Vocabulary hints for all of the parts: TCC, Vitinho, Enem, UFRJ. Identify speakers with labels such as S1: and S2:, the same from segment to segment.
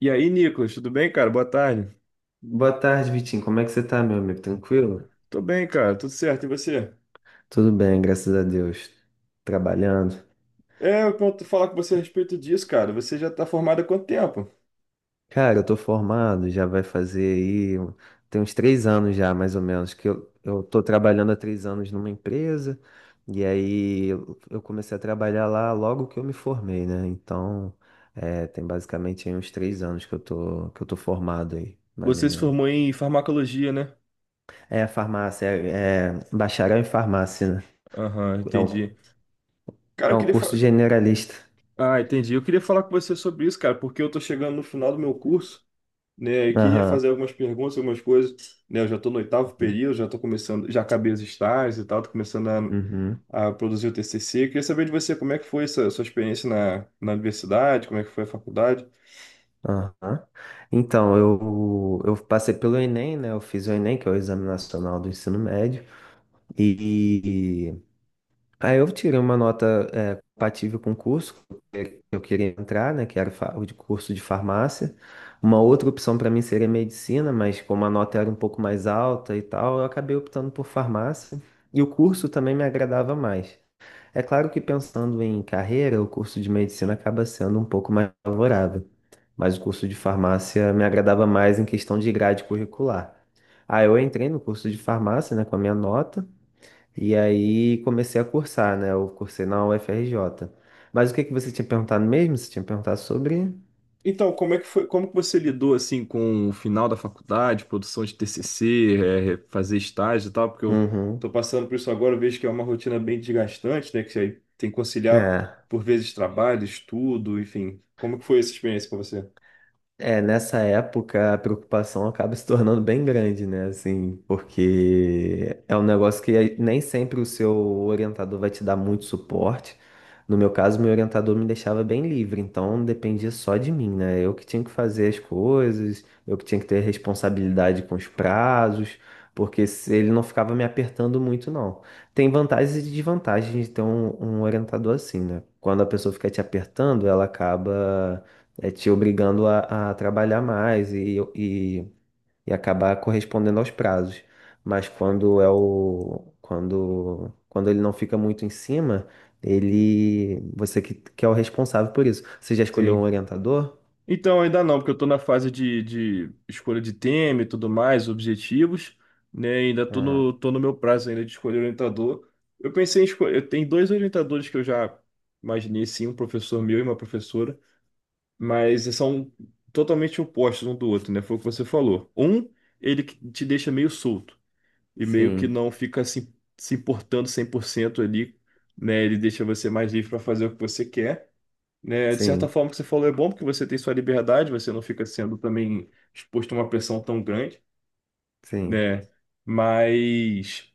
S1: E aí, Nicolas, tudo bem, cara? Boa tarde.
S2: Boa tarde, Vitinho. Como é que você tá, meu amigo? Tranquilo?
S1: Tô bem, cara, tudo certo. E você?
S2: Tudo bem, graças a Deus. Trabalhando.
S1: É, eu quero falar com você a respeito disso, cara. Você já tá formado há quanto tempo?
S2: Cara, eu tô formado, já vai fazer aí. Tem uns três anos já, mais ou menos, que eu tô trabalhando há três anos numa empresa, e aí eu comecei a trabalhar lá logo que eu me formei, né? Então, é, tem basicamente aí uns três anos que eu tô formado aí, mais ou
S1: Você se
S2: menos.
S1: formou em farmacologia, né?
S2: É, farmácia, é bacharel em farmácia, né?
S1: Aham,
S2: É um,
S1: entendi. Cara,
S2: é
S1: eu
S2: um
S1: queria fa...
S2: curso generalista.
S1: Ah, entendi. Eu queria falar com você sobre isso, cara, porque eu tô chegando no final do meu curso, né? E queria
S2: Aham.
S1: fazer algumas perguntas, algumas coisas, né? Eu já tô no oitavo período, já tô começando, já acabei os estágios e tal, tô começando
S2: Uhum,
S1: a produzir o TCC. Eu queria saber de você como é que foi essa sua experiência na universidade, como é que foi a faculdade.
S2: aham. Então, eu passei pelo Enem, né? Eu fiz o Enem, que é o Exame Nacional do Ensino Médio, e aí eu tirei uma nota compatível com o curso que eu queria entrar, né? Que era o de curso de farmácia. Uma outra opção para mim seria medicina, mas como a nota era um pouco mais alta e tal, eu acabei optando por farmácia, e o curso também me agradava mais. É claro que pensando em carreira, o curso de medicina acaba sendo um pouco mais favorável, mas o curso de farmácia me agradava mais em questão de grade curricular. Ah, eu entrei no curso de farmácia, né, com a minha nota, e aí comecei a cursar, né? Eu cursei na UFRJ. Mas o que que você tinha perguntado mesmo? Você tinha perguntado sobre.
S1: Então, como é que foi, como que você lidou assim com o final da faculdade, produção de TCC, fazer estágio e tal? Porque eu tô
S2: Uhum.
S1: passando por isso agora, eu vejo que é uma rotina bem desgastante, né? Que você tem que conciliar
S2: É.
S1: por vezes trabalho, estudo, enfim. Como que foi essa experiência para você?
S2: É, nessa época a preocupação acaba se tornando bem grande, né? Assim, porque é um negócio que nem sempre o seu orientador vai te dar muito suporte. No meu caso, meu orientador me deixava bem livre, então dependia só de mim, né? Eu que tinha que fazer as coisas, eu que tinha que ter responsabilidade com os prazos, porque ele não ficava me apertando muito, não. Tem vantagens e desvantagens de ter um orientador assim, né? Quando a pessoa fica te apertando, ela acaba te obrigando a trabalhar mais, e acabar correspondendo aos prazos. Mas quando é o quando quando ele não fica muito em cima, ele você que é o responsável por isso. Você já escolheu um
S1: Sim.
S2: orientador?
S1: Então, ainda não, porque eu estou na fase de escolha de tema e tudo mais, objetivos, né? Ainda estou
S2: Ah,
S1: tô no meu prazo ainda de escolher orientador. Eu pensei em escolher, eu tenho dois orientadores que eu já imaginei, sim, um professor meu e uma professora. Mas são totalmente opostos um do outro, né? Foi o que você falou. Um, ele que te deixa meio solto e meio que
S2: sim,
S1: não fica se importando 100% ali, né? Ele deixa você mais livre para fazer o que você quer, né? De certa
S2: sim,
S1: forma, o que você falou é bom porque você tem sua liberdade, você não fica sendo também exposto a uma pressão tão grande,
S2: sim.
S1: né? Mas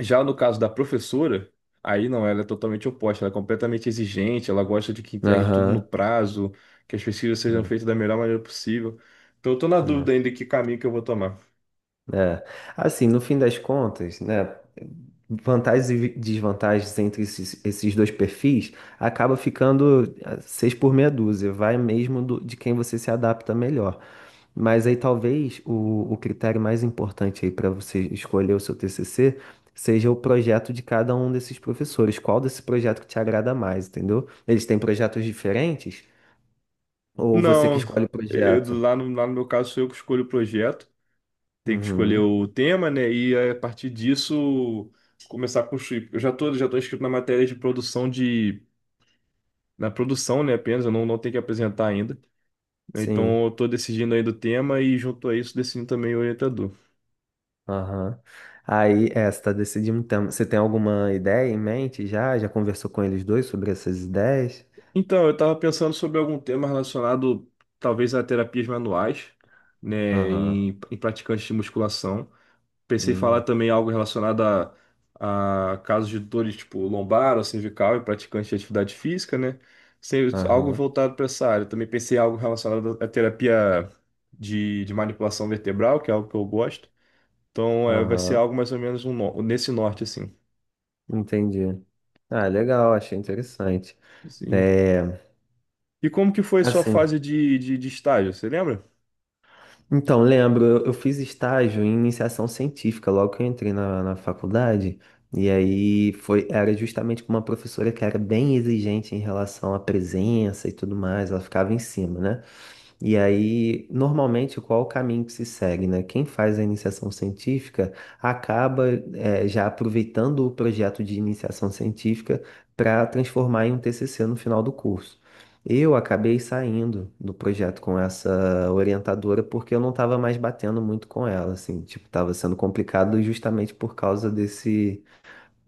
S1: já no caso da professora, aí não, ela é totalmente oposta, ela é completamente exigente, ela gosta de que entregue tudo no
S2: Aham.
S1: prazo, que as pesquisas sejam
S2: Hum,
S1: feitas da melhor maneira possível. Então eu tô na dúvida
S2: hum.
S1: ainda que caminho que eu vou tomar.
S2: É, assim, no fim das contas, né, vantagens e desvantagens entre esses dois perfis acaba ficando seis por meia dúzia, vai mesmo de quem você se adapta melhor. Mas aí talvez o critério mais importante aí para você escolher o seu TCC seja o projeto de cada um desses professores. Qual desse projeto que te agrada mais, entendeu? Eles têm projetos diferentes? Ou você que
S1: Não,
S2: escolhe o projeto?
S1: lá lá no meu caso sou eu que escolho o projeto, tenho que escolher
S2: Uhum,
S1: o tema, né? E a partir disso começar a construir. Eu já tô inscrito na matéria de produção de. Na produção, né, apenas, eu não tenho que apresentar ainda.
S2: sim.
S1: Então eu tô decidindo ainda o tema e junto a isso decidindo também o orientador.
S2: Aham. Aí, é, você tá decidindo. Então, você tem alguma ideia em mente já? Já conversou com eles dois sobre essas ideias?
S1: Então, eu estava pensando sobre algum tema relacionado, talvez, a terapias manuais, né,
S2: Aham.
S1: em praticantes de musculação. Pensei em falar
S2: Hum.
S1: também algo relacionado a casos de dores tipo lombar ou cervical em praticantes de atividade física, né? Algo
S2: Aham.
S1: voltado para essa área. Também pensei em algo relacionado à terapia de manipulação vertebral, que é algo que eu gosto. Então, é, vai ser
S2: Aham.
S1: algo mais ou menos nesse norte, assim.
S2: Entendi. Ah, legal, achei interessante.
S1: Sim.
S2: É,
S1: E como que foi a sua
S2: assim,
S1: fase de, de estágio? Você lembra?
S2: então, lembro, eu fiz estágio em iniciação científica logo que eu entrei na faculdade. E aí foi, era justamente com uma professora que era bem exigente em relação à presença e tudo mais, ela ficava em cima, né? E aí, normalmente, qual o caminho que se segue, né? Quem faz a iniciação científica acaba já aproveitando o projeto de iniciação científica para transformar em um TCC no final do curso. Eu acabei saindo do projeto com essa orientadora porque eu não estava mais batendo muito com ela, assim, tipo, estava sendo complicado justamente por causa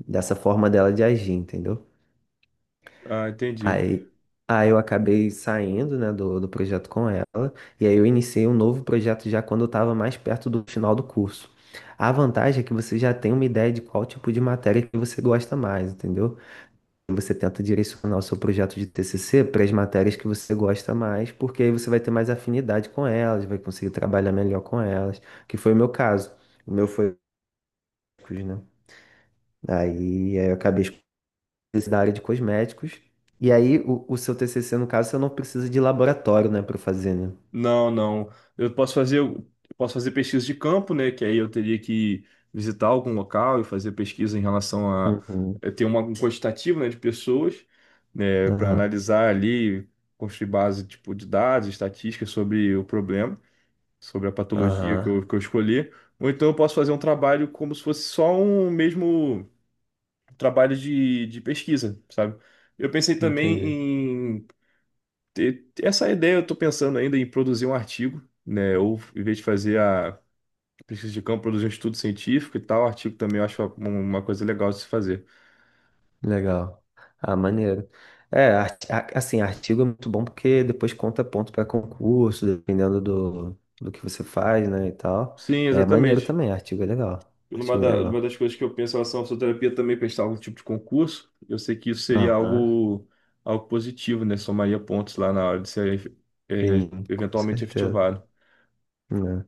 S2: dessa forma dela de agir, entendeu?
S1: Ah, entendi.
S2: Aí, aí eu acabei saindo, né, do projeto com ela, e aí eu iniciei um novo projeto já quando eu estava mais perto do final do curso. A vantagem é que você já tem uma ideia de qual tipo de matéria que você gosta mais, entendeu? E você tenta direcionar o seu projeto de TCC para as matérias que você gosta mais, porque aí você vai ter mais afinidade com elas, vai conseguir trabalhar melhor com elas, que foi o meu caso. O meu foi, né? Aí eu acabei da área de cosméticos. E aí, o seu TCC, no caso, você não precisa de laboratório, né, para fazer, né?
S1: Não, não. Eu posso fazer pesquisa de campo, né? Que aí eu teria que visitar algum local e fazer pesquisa em relação a
S2: Uhum.
S1: ter um quantitativo, né, de pessoas, né, para
S2: Aham.
S1: analisar ali, construir base tipo de dados, estatísticas sobre o problema, sobre a patologia que
S2: Aham.
S1: que eu escolhi. Ou então eu posso fazer um trabalho como se fosse só um mesmo trabalho de pesquisa, sabe? Eu pensei
S2: Entendi.
S1: também e essa ideia eu estou pensando ainda em produzir um artigo, né? Ou em vez de fazer a pesquisa de campo, produzir um estudo científico e tal, artigo também eu acho uma coisa legal de se fazer.
S2: Legal. Ah, maneiro. É, assim, artigo é muito bom porque depois conta ponto para concurso, dependendo do que você faz, né, e tal.
S1: Sim,
S2: É maneiro
S1: exatamente.
S2: também, artigo é legal. Artigo é
S1: Uma
S2: legal.
S1: das coisas que eu penso em relação à fisioterapia é também prestar algum tipo de concurso. Eu sei que isso seria
S2: Aham.
S1: algo, algo positivo, né? Somaria pontos lá na hora de ser
S2: Sim, com
S1: eventualmente
S2: certeza,
S1: efetivado.
S2: né?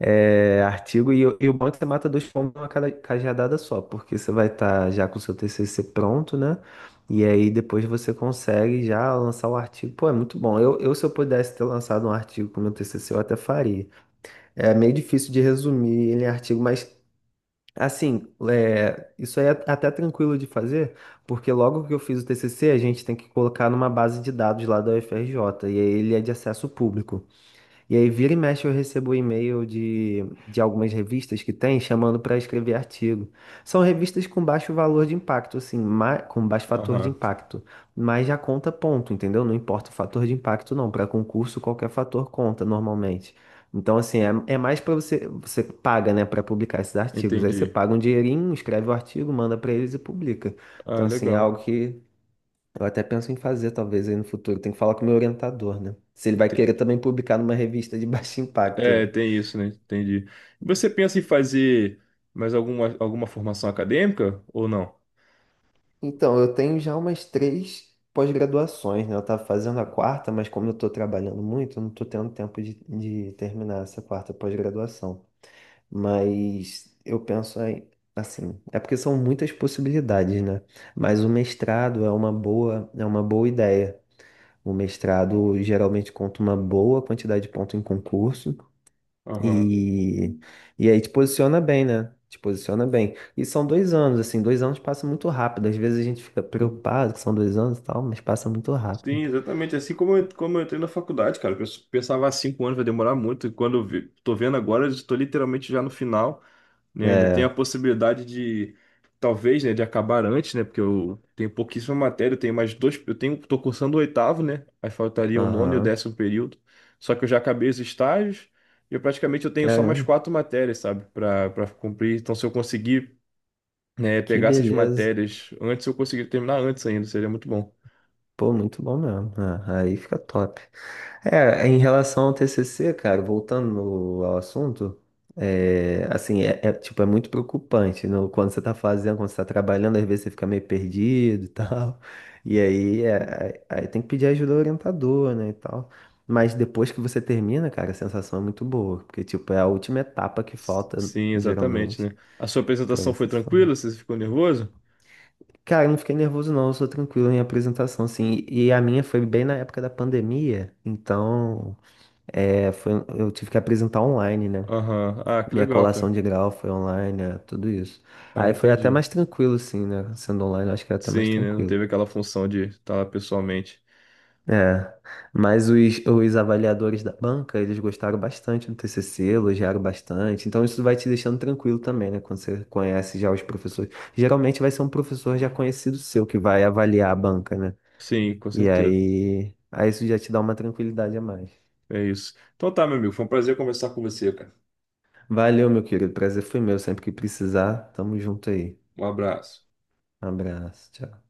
S2: É, artigo e o bom é que você mata dois pombos numa cajadada só, porque você vai estar já com o seu TCC pronto, né? E aí depois você consegue já lançar o artigo. Pô, é muito bom. Eu se eu pudesse ter lançado um artigo com o meu TCC, eu até faria. É meio difícil de resumir ele em artigo, mas assim, é, isso aí é até tranquilo de fazer, porque logo que eu fiz o TCC, a gente tem que colocar numa base de dados lá da UFRJ, e aí ele é de acesso público. E aí, vira e mexe, eu recebo um e-mail de algumas revistas que tem chamando para escrever artigo. São revistas com baixo valor de impacto, assim, com baixo fator de
S1: Aham,
S2: impacto, mas já conta ponto, entendeu? Não importa o fator de impacto, não. Para concurso, qualquer fator conta normalmente. Então, assim, é mais para você, você paga, né, para publicar esses artigos. Aí você
S1: entendi.
S2: paga um dinheirinho, escreve o artigo, manda para eles e publica.
S1: Ah,
S2: Então, assim, é
S1: legal.
S2: algo que eu até penso em fazer, talvez, aí no futuro. Tem que falar com o meu orientador, né? Se ele vai
S1: Ente-
S2: querer também publicar numa revista de baixo impacto, né?
S1: É, tem isso, né? Entendi. E você pensa em fazer mais alguma, alguma formação acadêmica ou não?
S2: Então, eu tenho já umas três pós-graduações, né? Eu tava fazendo a quarta, mas como eu tô trabalhando muito, eu não tô tendo tempo de terminar essa quarta pós-graduação. Mas eu penso aí, assim, é porque são muitas possibilidades, né? Mas o mestrado é uma boa ideia. O mestrado geralmente conta uma boa quantidade de pontos em concurso.
S1: Aham.
S2: E, e aí te posiciona bem, né? Te posiciona bem. E são dois anos, assim, dois anos passa muito rápido. Às vezes a gente fica preocupado que são dois anos e tal, mas passa muito rápido.
S1: Sim, exatamente. Assim como eu entrei na faculdade, cara. Eu pensava há cinco anos vai demorar muito. E quando eu vi, tô vendo agora, eu estou literalmente já no final. Né? Ainda tem a
S2: É,
S1: possibilidade de, talvez, né, de acabar antes, né? Porque eu tenho pouquíssima matéria, eu tenho mais dois, tô cursando o oitavo, né? Aí faltaria o nono e o
S2: aham.
S1: décimo período. Só que eu já acabei os estágios e eu praticamente eu tenho só mais
S2: Caramba,
S1: quatro matérias, sabe, para cumprir. Então, se eu conseguir, né,
S2: que
S1: pegar essas
S2: beleza.
S1: matérias antes, eu conseguir terminar antes ainda, seria muito bom.
S2: Pô, muito bom mesmo. Ah, aí fica top. É, em relação ao TCC, cara, voltando ao assunto, é, assim, tipo, é muito preocupante, né? Quando você tá fazendo, quando você tá trabalhando, às vezes você fica meio perdido e tal, e aí, aí tem que pedir ajuda ao orientador, né, e tal. Mas depois que você termina, cara, a sensação é muito boa, porque, tipo, é a última etapa que falta,
S1: Sim, exatamente, né?
S2: geralmente,
S1: A sua
S2: pra
S1: apresentação
S2: você
S1: foi
S2: se formar.
S1: tranquila? Você ficou nervoso?
S2: Cara, eu não fiquei nervoso não, eu sou tranquilo em apresentação, assim. E a minha foi bem na época da pandemia, então é, foi, eu tive que apresentar online, né?
S1: Aham. Ah, que
S2: Minha
S1: legal,
S2: colação
S1: cara.
S2: de grau foi online, né? Tudo isso.
S1: Ah,
S2: Aí foi até
S1: entendi.
S2: mais tranquilo, assim, né? Sendo online, eu acho que era até mais
S1: Sim, né? Não
S2: tranquilo.
S1: teve aquela função de estar lá pessoalmente.
S2: É, mas os avaliadores da banca, eles gostaram bastante do TCC, elogiaram bastante. Então isso vai te deixando tranquilo também, né? Quando você conhece já os professores. Geralmente vai ser um professor já conhecido seu que vai avaliar a banca, né?
S1: Sim, com
S2: E
S1: certeza.
S2: aí isso já te dá uma tranquilidade a mais.
S1: É isso. Então tá, meu amigo. Foi um prazer conversar com você, cara.
S2: Valeu, meu querido. Prazer foi meu. Sempre que precisar, tamo junto aí.
S1: Um abraço.
S2: Um abraço. Tchau.